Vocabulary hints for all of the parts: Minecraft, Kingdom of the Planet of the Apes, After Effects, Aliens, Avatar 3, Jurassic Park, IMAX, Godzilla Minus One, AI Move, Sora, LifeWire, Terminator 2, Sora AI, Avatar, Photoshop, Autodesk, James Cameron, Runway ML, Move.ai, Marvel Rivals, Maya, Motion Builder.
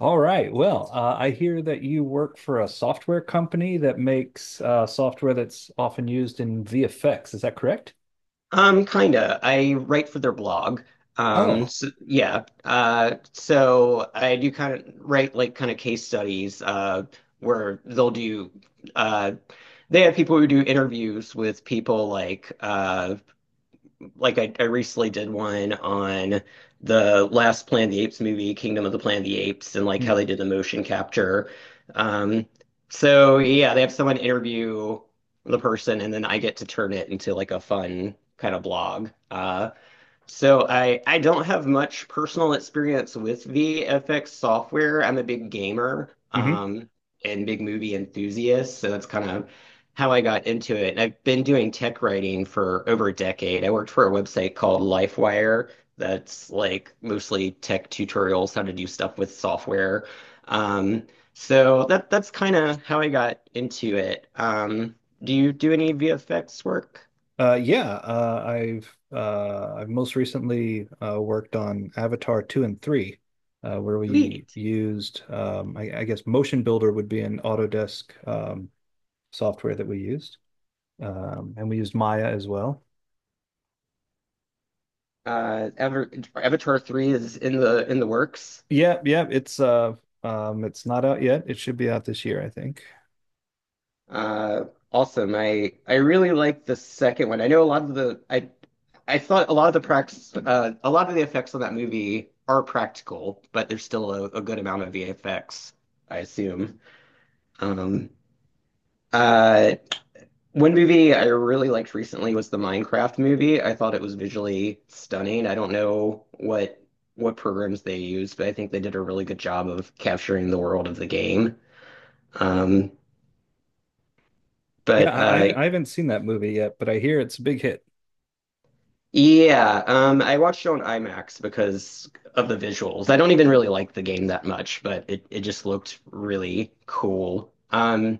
All right. Well, I hear that you work for a software company that makes software that's often used in VFX. Is that correct? Kinda. I write for their blog. Oh, So, yeah. So I do kind of write like kind of case studies, where uh, they have people who do interviews with people like I recently did one on the last Planet of the Apes movie, Kingdom of the Planet of the Apes, and like how they did the motion capture. Um, so yeah, they have someone interview the person, and then I get to turn it into like a fun kind of blog. So I don't have much personal experience with VFX software. I'm a big gamer, mm-hmm. And big movie enthusiast, so that's kind of how I got into it. And I've been doing tech writing for over a decade. I worked for a website called LifeWire that's like mostly tech tutorials, how to do stuff with software. Um, so that's kind of how I got into it. Do you do any VFX work? Yeah. I've most recently worked on Avatar 2 and 3, where we Sweet. used, I guess, Motion Builder would be an Autodesk software that we used, and we used Maya as well. Ever Avatar 3 is in the works. Yeah, yeah. It's not out yet. It should be out this year, I think. Uh, Awesome. I really like the second one. I thought a lot of the prax a lot of the effects on that movie are practical, but there's still a good amount of VFX, I assume. Um, uh, One movie I really liked recently was the Minecraft movie. I thought it was visually stunning. I don't know what programs they used, but I think they did a really good job of capturing the world of the game. Um, Yeah, But I, I uh, haven't I haven't seen that movie yet, but I hear it's a big hit. yeah, I watched it on IMAX because of the visuals. I don't even really like the game that much, but it just looked really cool. Um,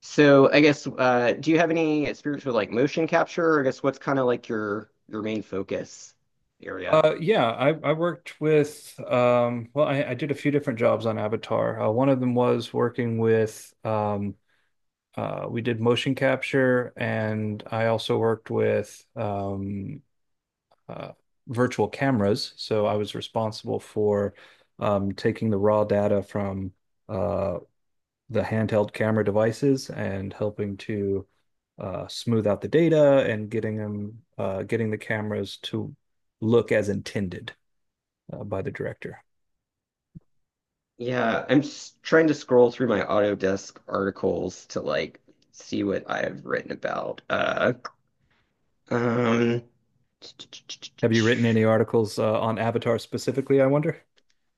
so I guess uh, do you have any experience with like motion capture? Or I guess what's kind of like your main focus area? Yeah, I worked with well, I did a few different jobs on Avatar. One of them was working with we did motion capture, and I also worked with uh, virtual cameras. So I was responsible for taking the raw data from uh, the handheld camera devices and helping to smooth out the data, and getting the cameras to look as intended by the director. Yeah, I'm just trying to scroll through my Autodesk articles to like see what I've written about. Um, Have you written any articles on Avatar specifically, I wonder?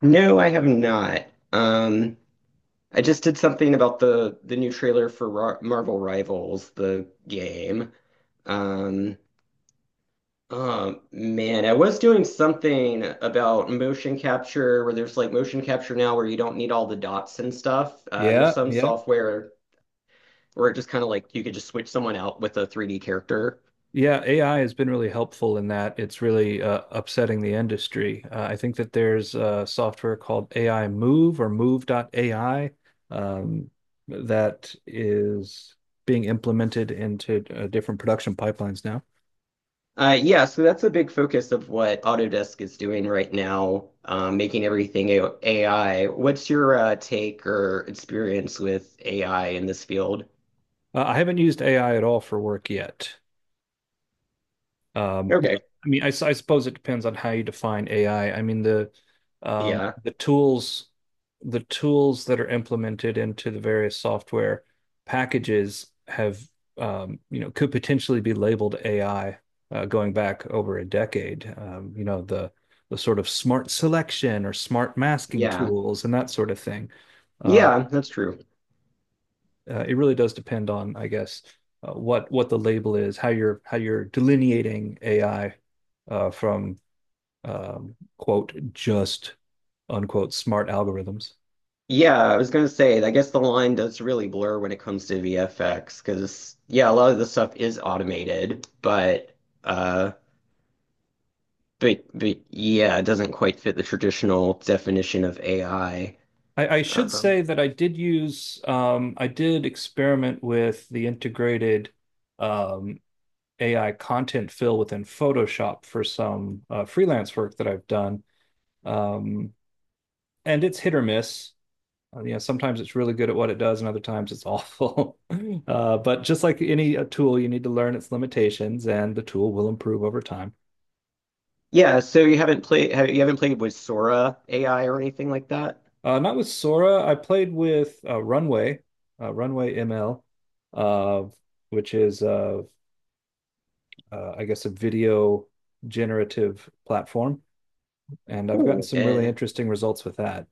No, I have not. Um, I just did something about the new trailer for Ra Marvel Rivals, the game. Um, oh man, I was doing something about motion capture where there's like motion capture now where you don't need all the dots and stuff. There's Yeah, some yeah. software where it just kind of like you could just switch someone out with a 3D character. Yeah, AI has been really helpful in that. It's really upsetting the industry. I think that there's software called AI Move, or Move.ai, um, that is being implemented into different production pipelines now. Yeah, so that's a big focus of what Autodesk is doing right now, making everything AI. What's your take or experience with AI in this field? I haven't used AI at all for work yet. Well, Okay. I mean, I suppose it depends on how you define AI. I mean, um, Yeah. the tools the tools that are implemented into the various software packages have, you know, could potentially be labeled AI going back over a decade. You know, the sort of smart selection or smart masking Yeah. tools and that sort of thing. Uh, Yeah, that's true. It really does depend on, I guess, what the label is, how you're delineating AI from, quote, just unquote, smart algorithms. Yeah, I was gonna say, I guess the line does really blur when it comes to VFX, because yeah, a lot of the stuff is automated, uh, but yeah, it doesn't quite fit the traditional definition of AI. I should Um, say that I did experiment with the integrated, um, AI content fill within Photoshop for some freelance work that I've done, um, and it's hit or miss. You know, sometimes it's really good at what it does, and other times it's awful. But just like any tool, you need to learn its limitations, and the tool will improve over time. Yeah, so you haven't you haven't played with Sora AI or anything like that? Not with Sora. I played with Runway ML, uh, which is, I guess, a video generative platform, and I've gotten Cool. some really And interesting results with that.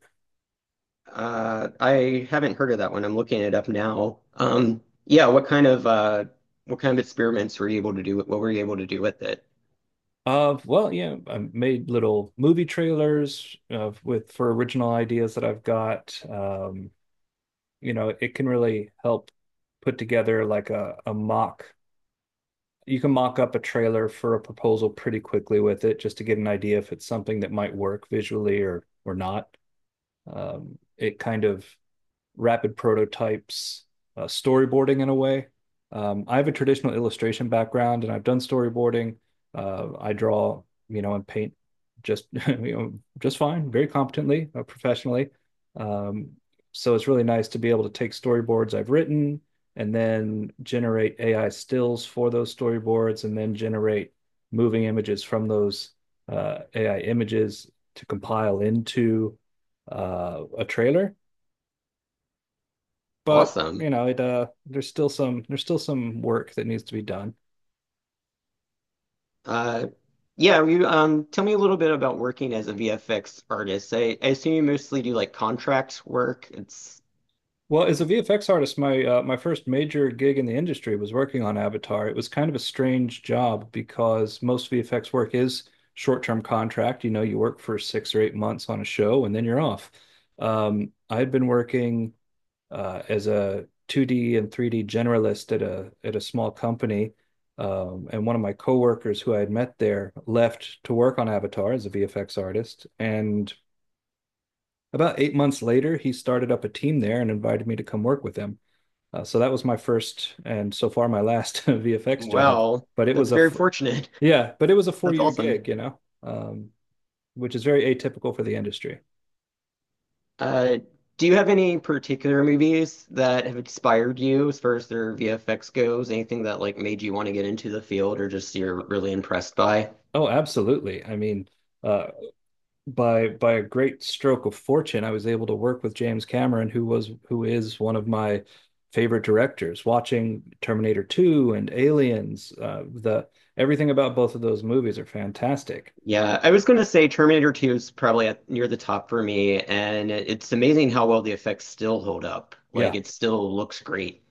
uh, I haven't heard of that one. I'm looking it up now. What kind of experiments were you able to do? What were you able to do with it? Well, yeah, I made little movie trailers with for original ideas that I've got. You know, it can really help put together like a mock. You can mock up a trailer for a proposal pretty quickly with it, just to get an idea if it's something that might work visually, or not. It kind of rapid prototypes storyboarding, in a way. I have a traditional illustration background, and I've done storyboarding. I draw, you know, and paint just, you know, just fine, very competently, professionally. Um, so it's really nice to be able to take storyboards I've written and then generate AI stills for those storyboards, and then generate moving images from those AI images to compile into a trailer. But Awesome. you know, it there's still some work that needs to be done. Uh, yeah, you Tell me a little bit about working as a VFX artist. I assume you mostly do like contract work. It's Well, as a VFX artist, my first major gig in the industry was working on Avatar. It was kind of a strange job because most VFX work is short-term contract. You know, you work for 6 or 8 months on a show, and then you're off. I'd been working as a 2D and 3D generalist at a small company. And one of my coworkers who I had met there left to work on Avatar as a VFX artist. And about 8 months later, he started up a team there and invited me to come work with him. So that was my first and so far my last VFX job. well, But it that's was a very fortunate. Yeah, but it was a four That's year awesome. gig, you know, which is very atypical for the industry. Uh, do you have any particular movies that have inspired you as far as their VFX goes? Anything that like made you want to get into the field or just you're really impressed by? Oh, absolutely. I mean, uh, by a great stroke of fortune, I was able to work with James Cameron, who is one of my favorite directors. Watching Terminator 2 and Aliens, the everything about both of those movies are fantastic. Yeah, I was gonna say Terminator 2 is probably near the top for me, and it's amazing how well the effects still hold up. Like Yeah, it still looks great.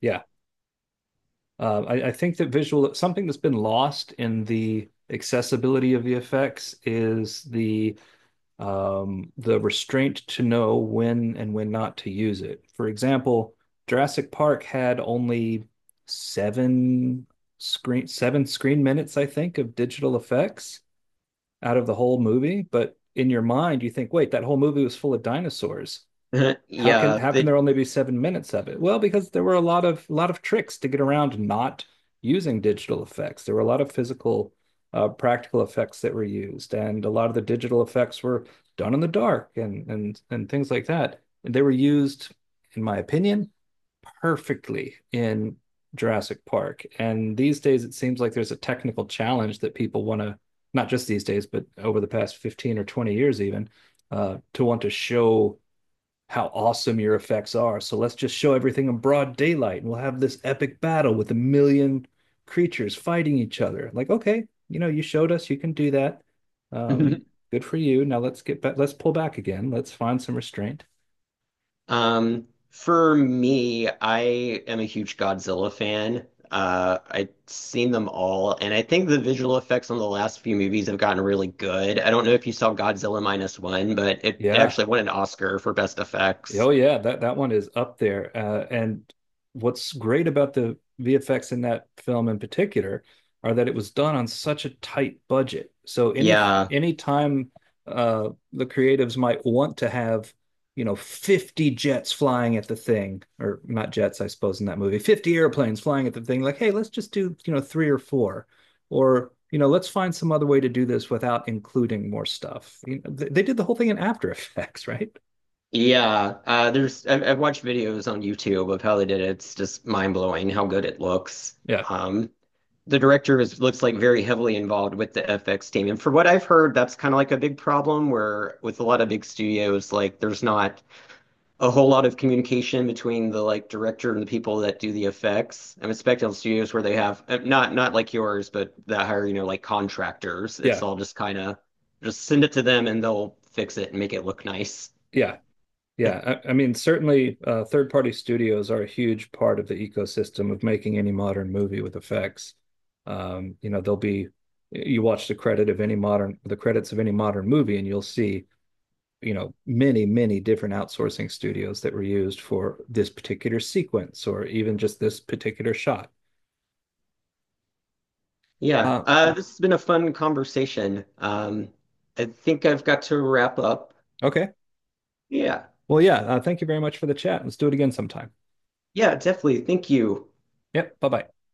yeah. I think that visual something that's been lost in the accessibility of the effects is the restraint to know when and when not to use it. For example, Jurassic Park had only seven seven screen minutes, I think, of digital effects out of the whole movie. But in your mind, you think, wait, that whole movie was full of dinosaurs. how can Yeah, how can the there only be 7 minutes of it? Well, because there were a lot of tricks to get around not using digital effects. There were a lot of physical, practical effects that were used, and a lot of the digital effects were done in the dark, and things like that. And they were used, in my opinion, perfectly in Jurassic Park. And these days, it seems like there's a technical challenge that people want to, not just these days, but over the past 15 or 20 years, even, to want to show how awesome your effects are. So let's just show everything in broad daylight, and we'll have this epic battle with a million creatures fighting each other. Like, okay, you know, you showed us you can do that. Um, Good for you. Now let's get back, let's pull back again. Let's find some restraint. For me, I am a huge Godzilla fan. I've seen them all, and I think the visual effects on the last few movies have gotten really good. I don't know if you saw Godzilla Minus One, but it Yeah. actually won an Oscar for best Oh effects. yeah, that one is up there. And what's great about the VFX in that film in particular are that it was done on such a tight budget. So Yeah. any time the creatives might want to have, you know, 50 jets flying at the thing, or not jets, I suppose, in that movie, 50 airplanes flying at the thing, like, hey, let's just do, you know, three or four, or, you know, let's find some other way to do this without including more stuff. You know, they did the whole thing in After Effects, right? I've watched videos on YouTube of how they did it. It's just mind blowing how good it looks. Yeah. Um, the director is looks like very heavily involved with the FX team, and for what I've heard, that's kind of like a big problem where with a lot of big studios, like there's not a whole lot of communication between the like director and the people that do the effects. I'm expecting studios where they have not like yours, but that hire you know like contractors. It's Yeah, all just kind of just send it to them and they'll fix it and make it look nice. yeah, yeah. I mean, certainly, third-party studios are a huge part of the ecosystem of making any modern movie with effects. You know, there'll be you watch the credits of any modern movie, and you'll see, you know, many different outsourcing studios that were used for this particular sequence or even just this particular shot. Yeah, Uh, this has been a fun conversation. I think I've got to wrap up. okay. Yeah, Well, yeah. Thank you very much for the chat. Let's do it again sometime. yeah, definitely. Thank you. Yep. Bye bye.